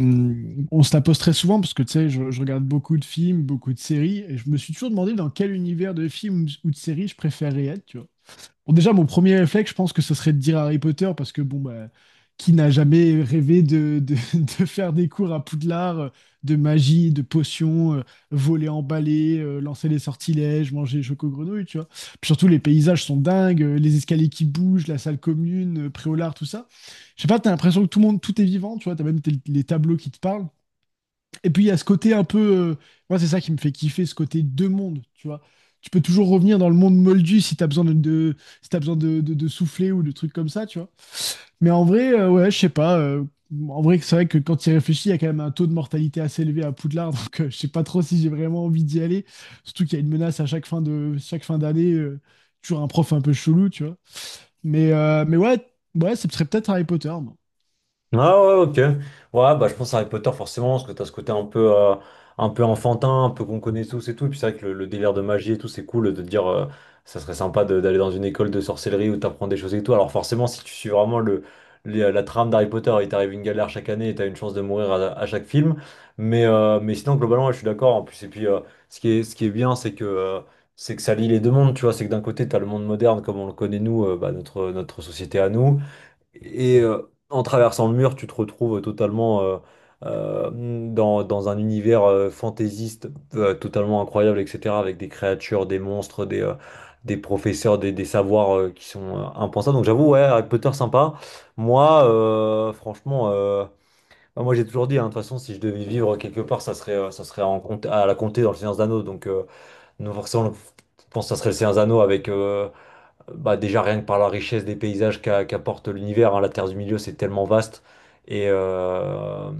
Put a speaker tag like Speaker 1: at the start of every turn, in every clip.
Speaker 1: On se la pose très souvent parce que tu sais, je regarde beaucoup de films, beaucoup de séries, et je me suis toujours demandé dans quel univers de films ou de séries je préférais être, tu vois. Bon, déjà, mon premier réflexe, je pense que ce serait de dire Harry Potter, parce que bon, bah, qui n'a jamais rêvé de faire des cours à Poudlard, de magie, de potions, voler en balai, lancer les sortilèges, manger les chocos-grenouilles, tu vois. Puis surtout, les paysages sont dingues, les escaliers qui bougent, la salle commune, Préolard, tout ça. Je sais pas, t'as l'impression que tout le monde, tout est vivant, tu vois, les tableaux qui te parlent. Et puis il y a ce côté un peu, moi, c'est ça qui me fait kiffer, ce côté deux mondes, tu vois. Tu peux toujours revenir dans le monde moldu si t'as besoin si t'as besoin de souffler ou de trucs comme ça, tu vois. Mais en vrai, ouais, je sais pas. En vrai, c'est vrai que quand tu y réfléchis, il y a quand même un taux de mortalité assez élevé à Poudlard, donc je sais pas trop si j'ai vraiment envie d'y aller. Surtout qu'il y a une menace à chaque fin de, chaque fin d'année, toujours un prof un peu chelou, tu vois. Mais ouais, ouais, ce serait peut-être Harry Potter,
Speaker 2: Ah ouais, ok. Ouais, bah je pense à Harry Potter forcément, parce que t'as ce côté un peu enfantin, un peu qu'on connaît tous et tout. Et puis c'est vrai que le délire de magie et tout, c'est cool de te dire, ça serait sympa d'aller dans une école de sorcellerie où t'apprends des choses et tout. Alors forcément, si tu suis vraiment la trame d'Harry Potter, il t'arrive une galère chaque année et t'as une chance de mourir à chaque film. Mais sinon, globalement, ouais, je suis d'accord. En plus, et puis ce qui est bien, c'est que ça lie les deux mondes, tu vois, c'est que d'un côté, t'as le monde moderne comme on le connaît nous, bah, notre société à nous, et en traversant le mur, tu te retrouves totalement euh, dans un univers fantaisiste, totalement incroyable, etc. Avec des créatures, des monstres, des professeurs, des savoirs qui sont impensables. Donc j'avoue, ouais, Harry Potter sympa. Moi, franchement, bah, moi j'ai toujours dit, hein, de toute façon, si je devais vivre quelque part, ça serait à la comté dans le Seigneur des Anneaux. Donc non, forcément, je pense que ça serait le Seigneur des Anneaux avec... bah déjà rien que par la richesse des paysages qu'apporte l'univers, hein, la Terre du Milieu, c'est tellement vaste. Et, euh,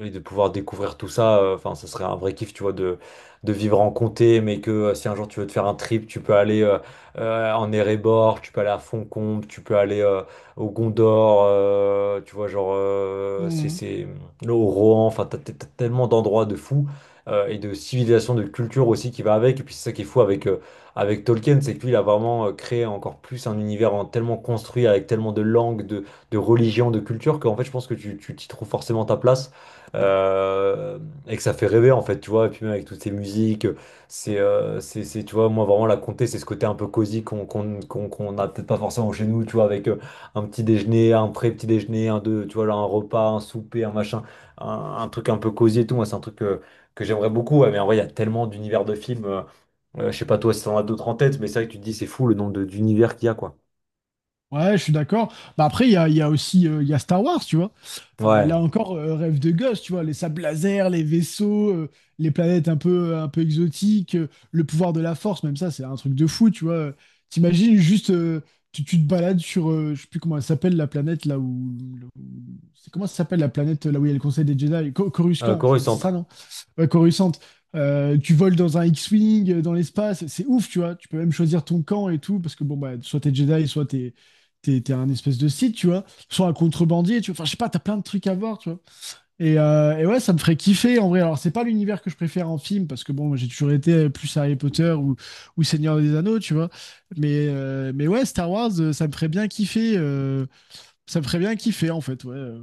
Speaker 2: et de pouvoir découvrir tout ça, enfin, ça serait un vrai kiff, tu vois, de vivre en comté, mais que si un jour tu veux te faire un trip, tu peux aller en Erebor, tu peux aller à Fontcombe, tu peux aller au Gondor, tu vois, genre,
Speaker 1: moi.
Speaker 2: au Rohan, enfin, t'as tellement d'endroits de fous, et de civilisations, de culture aussi qui va avec. Et puis c'est ça qui est fou avec, avec Tolkien, c'est que lui, il a vraiment créé encore plus un univers tellement construit, avec tellement de langues, de religions, de cultures, qu'en fait, je pense que tu t'y trouves forcément ta place. euh, et que ça fait rêver, en fait, tu vois. Et puis même avec toutes ces musiques, c'est, tu vois, moi, vraiment, la comté, c'est ce côté un peu cosy qu'on a peut-être pas forcément chez nous, tu vois, avec un petit déjeuner, un pré-petit déjeuner, un deux, tu vois, là, un repas, un souper, un machin, un truc un peu cosy et tout. Moi, c'est un truc... que j'aimerais beaucoup, ouais, mais en vrai, il y a tellement d'univers de films. Je sais pas toi si t'en as d'autres en tête, mais c'est vrai que tu te dis c'est fou le nombre d'univers qu'il y a, quoi.
Speaker 1: Ouais, je suis d'accord. Bah après, il y a aussi il y a Star Wars, tu vois.
Speaker 2: Ouais.
Speaker 1: Là encore, rêve de gosse, tu vois, les sables laser, les vaisseaux, les planètes un un peu exotiques, le pouvoir de la force, même ça, c'est un truc de fou, tu vois. T'imagines juste, tu te balades sur, je sais plus comment elle s'appelle, la planète là c'est comment ça s'appelle la planète là où il y a le Conseil des Jedi? Coruscant, je crois, c'est
Speaker 2: Coruscant.
Speaker 1: ça, ouais, Coruscant, tu voles dans un X-Wing, dans l'espace, c'est ouf, tu vois. Tu peux même choisir ton camp et tout, parce que bon, bah, soit t'es Jedi, soit t'es un espèce de Sith, tu vois. Soit un contrebandier, tu vois. Enfin, je sais pas, t'as plein de trucs à voir, tu vois. Et ouais, ça me ferait kiffer, en vrai. Alors, c'est pas l'univers que je préfère en film, parce que bon, moi, j'ai toujours été plus Harry Potter ou Seigneur des Anneaux, tu vois. Mais ouais, Star Wars, ça me ferait bien kiffer, ça me ferait bien kiffer, en fait, ouais.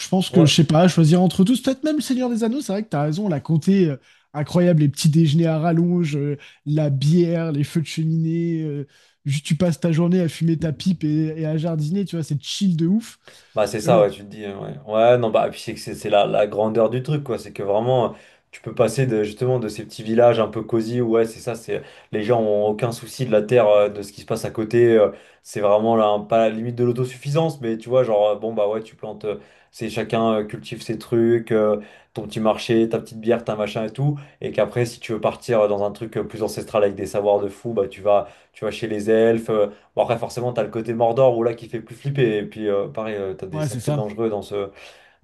Speaker 1: Je pense que,
Speaker 2: Ouais.
Speaker 1: je sais pas, choisir entre tous, peut-être même le Seigneur des Anneaux, c'est vrai que t'as raison, la comté incroyable, les petits déjeuners à rallonge, la bière, les feux de cheminée, juste tu passes ta journée à fumer ta pipe et à jardiner, tu vois, c'est chill de ouf.
Speaker 2: Bah c'est
Speaker 1: Mais
Speaker 2: ça, ouais,
Speaker 1: bon,
Speaker 2: tu te dis, ouais. Ouais, non, bah, puis c'est que c'est la grandeur du truc, quoi. C'est que vraiment, tu peux passer de, justement de ces petits villages un peu cosy, où, ouais, c'est ça, c'est les gens ont aucun souci de la terre, de ce qui se passe à côté. C'est vraiment là, pas la limite de l'autosuffisance, mais tu vois, genre, bon, bah ouais, tu plantes, c'est chacun cultive ses trucs, ton petit marché, ta petite bière, ta machin et tout. Et qu'après, si tu veux partir dans un truc plus ancestral avec des savoirs de fou, bah tu vas chez les elfes. Bon, après, forcément, t'as le côté Mordor où là qui fait plus flipper. Et puis, pareil, t'as des
Speaker 1: ouais, c'est
Speaker 2: sacrés
Speaker 1: ça.
Speaker 2: dangereux dans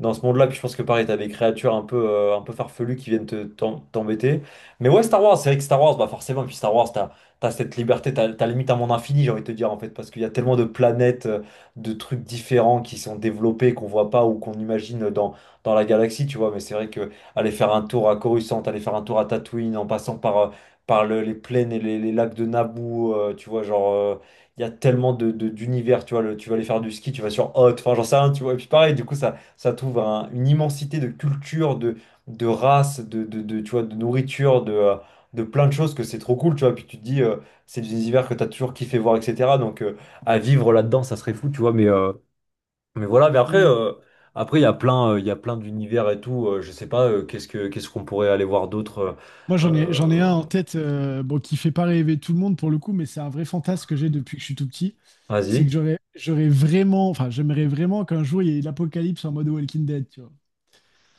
Speaker 2: dans ce monde-là. Puis je pense que pareil, t'as des créatures un peu farfelues qui viennent t'embêter. Mais ouais, Star Wars, c'est vrai que Star Wars, bah forcément, puis Star Wars, t'as cette liberté, t'as limite un monde infini, j'ai envie de te dire, en fait, parce qu'il y a tellement de planètes, de trucs différents qui sont développés, qu'on voit pas ou qu'on imagine dans la galaxie, tu vois. Mais c'est vrai que aller faire un tour à Coruscant, aller faire un tour à Tatooine, en passant par, par les plaines et les lacs de Naboo, tu vois, genre. Il y a tellement de, d'univers, tu vois, tu vas aller faire du ski, tu vas sur Hot, enfin j'en sais rien, tu vois, et puis pareil, du coup, ça trouve une immensité de culture, de races, de, tu vois, de nourriture, de plein de choses que c'est trop cool, tu vois. Puis tu te dis, c'est des univers que tu as toujours kiffé voir, etc. Donc à vivre là-dedans, ça serait fou, tu vois. Mais voilà, mais après,
Speaker 1: Hmm.
Speaker 2: après il y a plein, il y a plein d'univers et tout. Je sais pas, qu'est-ce que, qu'est-ce qu'on pourrait aller voir d'autre.
Speaker 1: Moi, j'en ai
Speaker 2: Euh,
Speaker 1: un en tête, bon, qui fait pas rêver tout le monde pour le coup, mais c'est un vrai fantasme que j'ai depuis que je suis tout petit. C'est que
Speaker 2: Vas-y.
Speaker 1: j'aurais vraiment, enfin, j'aimerais vraiment qu'un jour il y ait l'apocalypse en mode Walking Dead,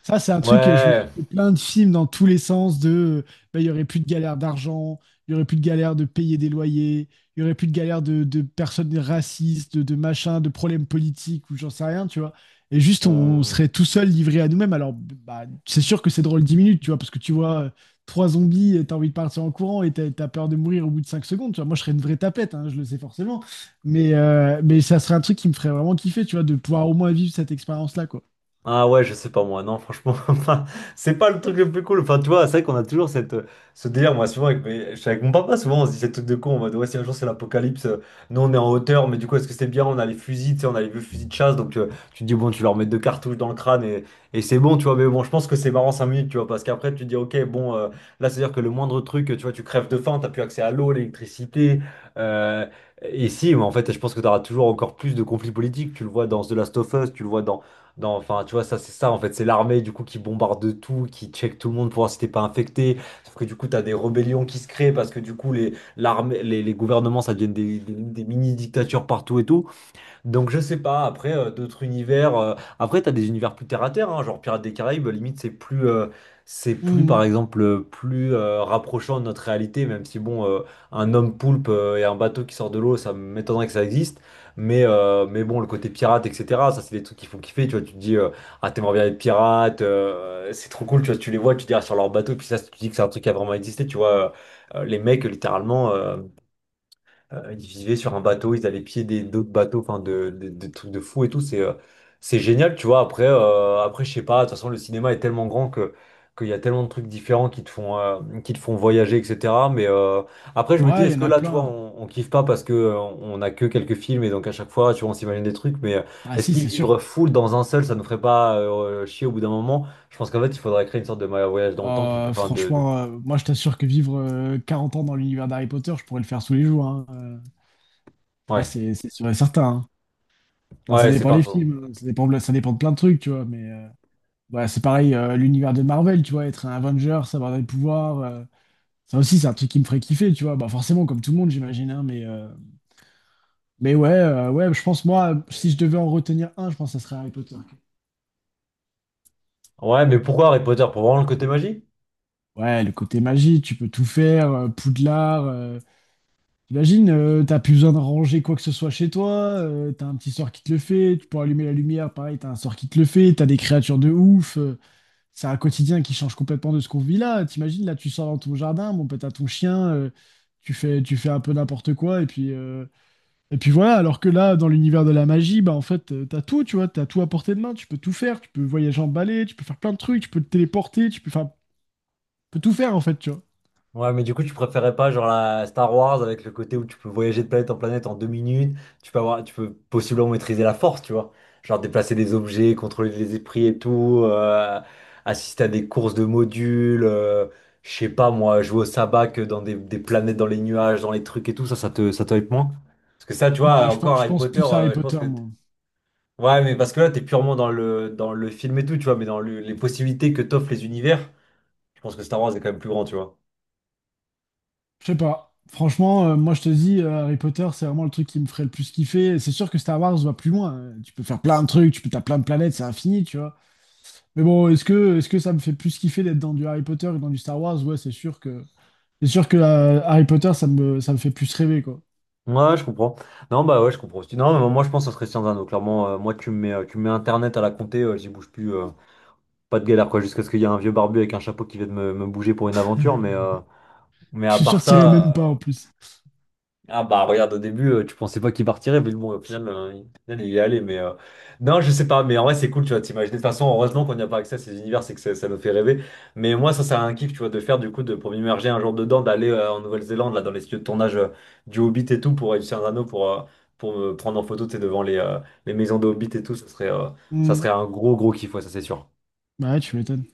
Speaker 1: ça, c'est un truc que je me
Speaker 2: Ouais.
Speaker 1: suis fait plein de films dans tous les sens de bah, il y aurait plus de galère d'argent, il y aurait plus de galère de payer des loyers, il y aurait plus de galère de personnes racistes, de machins, de problèmes politiques ou j'en sais rien, tu vois. Et juste, on
Speaker 2: on-
Speaker 1: serait tout seul livré à nous-mêmes. Alors, bah, c'est sûr que c'est drôle 10 minutes, tu vois, parce que tu vois trois zombies et t'as envie de partir en courant et t'as peur de mourir au bout de 5 secondes, tu vois. Moi, je serais une vraie tapette, hein, je le sais forcément. Mais ça serait un truc qui me ferait vraiment kiffer, tu vois, de pouvoir au moins vivre cette expérience-là, quoi.
Speaker 2: Ah ouais, je sais pas moi, non, franchement, enfin, c'est pas le truc le plus cool. Enfin, tu vois, c'est vrai qu'on a toujours cette, ce délire, moi, souvent, avec, je suis avec mon papa, souvent, on se dit ces trucs de con, en mode, ouais, si un jour c'est l'apocalypse, nous on est en hauteur, mais du coup, est-ce que c'est bien? On a les fusils, tu sais, on a les vieux fusils de chasse, donc tu te dis, bon, tu leur mets deux cartouches dans le crâne et c'est bon, tu vois, mais bon, je pense que c'est marrant 5 minutes, tu vois, parce qu'après, tu te dis, ok, bon, là, c'est-à-dire que le moindre truc, tu vois, tu crèves de faim, t'as plus accès à l'eau, l'électricité, euh, et si, mais en fait, je pense que t'auras toujours encore plus de conflits politiques, tu le vois dans The Last of Us, tu le vois dans. Non, enfin, tu vois, ça, c'est ça, en fait. C'est l'armée, du coup, qui bombarde de tout, qui check tout le monde pour voir si t'es pas infecté. Sauf que, du coup, t'as des rébellions qui se créent parce que, du coup, les, l'armée, les gouvernements, ça devient des, des mini-dictatures partout et tout. Donc je sais pas, après d'autres univers, après t'as des univers plus terre à terre, hein, genre Pirates des Caraïbes, limite c'est plus par exemple plus rapprochant de notre réalité, même si bon, un homme poulpe et un bateau qui sort de l'eau, ça m'étonnerait que ça existe, mais bon, le côté pirate, etc., ça c'est des trucs qui font kiffer, tu vois, tu te dis, ah t'aimerais bien être pirate, c'est trop cool, tu vois, tu les vois, tu te dis, ah, sur leur bateau, puis ça, tu te dis que c'est un truc qui a vraiment existé, tu vois, les mecs littéralement. Ils vivaient sur un bateau, ils allaient piéder d'autres bateaux, enfin de, de trucs de fous et tout. C'est génial, tu vois. Après, après, je sais pas. De toute façon, le cinéma est tellement grand que qu'il y a tellement de trucs différents qui te font voyager, etc. Mais après, je me dis,
Speaker 1: Ouais, il y
Speaker 2: est-ce
Speaker 1: en
Speaker 2: que
Speaker 1: a
Speaker 2: là, tu vois,
Speaker 1: plein.
Speaker 2: on kiffe pas parce que on a que quelques films et donc à chaque fois, tu vois, on s'imagine des trucs. Mais
Speaker 1: Ah
Speaker 2: est-ce
Speaker 1: si,
Speaker 2: qu'ils
Speaker 1: c'est sûr.
Speaker 2: vivre full dans un seul, ça nous ferait pas chier au bout d'un moment? Je pense qu'en fait, il faudrait créer une sorte de voyage dans le temps qui peut, enfin, de,
Speaker 1: Franchement, moi je t'assure que vivre 40 ans dans l'univers d'Harry Potter, je pourrais le faire tous les jours, hein. Ah,
Speaker 2: ouais,
Speaker 1: c'est sûr et certain, hein. Bah, ça
Speaker 2: ouais, c'est
Speaker 1: dépend
Speaker 2: pas
Speaker 1: des
Speaker 2: faux.
Speaker 1: films, hein. Ça dépend de plein de trucs, tu vois. Mais ouais, c'est pareil, l'univers de Marvel, tu vois, être un Avenger, savoir des pouvoirs, ça aussi c'est un truc qui me ferait kiffer, tu vois. Bah forcément, comme tout le monde, j'imagine, hein, mais ouais, ouais, je pense moi, si je devais en retenir un, je pense que ça serait Harry Potter.
Speaker 2: Ouais, mais pourquoi Harry Potter? Pour vraiment le côté magie?
Speaker 1: Ouais, le côté magie, tu peux tout faire, Poudlard. Euh, t'imagines, t'as plus besoin de ranger quoi que ce soit chez toi, t'as un petit sort qui te le fait, tu peux allumer la lumière, pareil, t'as un sort qui te le fait, t'as des créatures de ouf, c'est un quotidien qui change complètement de ce qu'on vit là. T'imagines, là, tu sors dans ton jardin, bon, peut t'as ton chien, tu fais un peu n'importe quoi, et puis voilà, alors que là, dans l'univers de la magie, bah en fait, t'as tout, tu vois, t'as tout à portée de main, tu peux tout faire, tu peux voyager en balai, tu peux faire plein de trucs, tu peux te téléporter, tu peux, enfin, tu peux tout faire en fait, tu vois.
Speaker 2: Ouais, mais du coup, tu préférais pas genre la Star Wars avec le côté où tu peux voyager de planète en planète en 2 minutes, tu peux avoir, tu peux possiblement maîtriser la force, tu vois. Genre déplacer des objets, contrôler les esprits et tout, assister à des courses de modules, je sais pas moi, jouer au sabac dans des planètes dans les nuages, dans les trucs et tout, ça, ça te hype moins? Parce que ça, tu vois,
Speaker 1: Bon,
Speaker 2: encore
Speaker 1: je
Speaker 2: Harry
Speaker 1: pense
Speaker 2: Potter,
Speaker 1: plus à Harry
Speaker 2: je pense
Speaker 1: Potter,
Speaker 2: que.
Speaker 1: moi.
Speaker 2: Ouais, mais parce que là, t'es purement dans dans le film et tout, tu vois, mais dans les possibilités que t'offrent les univers. Je pense que Star Wars est quand même plus grand, tu vois.
Speaker 1: Je sais pas. Franchement, moi, je te dis, Harry Potter, c'est vraiment le truc qui me ferait le plus kiffer. C'est sûr que Star Wars va plus loin. Tu peux faire plein de trucs, tu peux, t'as plein de planètes, c'est infini, tu vois. Mais bon, est-ce que ça me fait plus kiffer d'être dans du Harry Potter que dans du Star Wars? Ouais, c'est sûr que Harry Potter, ça me fait plus rêver, quoi.
Speaker 2: Ouais, je comprends. Non, bah ouais, je comprends aussi. Non, mais moi, je pense que ça serait Sciences Inno. Clairement, moi, tu me mets Internet à la compter, j'y bouge plus. Pas de galère, quoi. Jusqu'à ce qu'il y ait un vieux barbu avec un chapeau qui vient de me bouger pour une aventure. Mais
Speaker 1: Je
Speaker 2: à
Speaker 1: suis sûr
Speaker 2: part
Speaker 1: que t'irais même
Speaker 2: ça.
Speaker 1: pas en plus.
Speaker 2: Ah bah regarde au début tu pensais pas qu'il partirait mais bon au final, il au final, il est allé mais non je sais pas mais en vrai c'est cool tu vois, t'imagines, de toute façon heureusement qu'on n'y a pas accès à ces univers, c'est que ça nous fait rêver, mais moi ça c'est un kiff tu vois, de faire du coup de pour m'immerger un jour dedans, d'aller en Nouvelle-Zélande là dans les studios de tournage du Hobbit et tout, pour réussir un anneau pour me prendre en photo tu sais, devant les maisons de Hobbit et tout, ça
Speaker 1: Hmm.
Speaker 2: serait un gros gros kiff, ouais ça c'est sûr.
Speaker 1: Bah ouais, tu m'étonnes.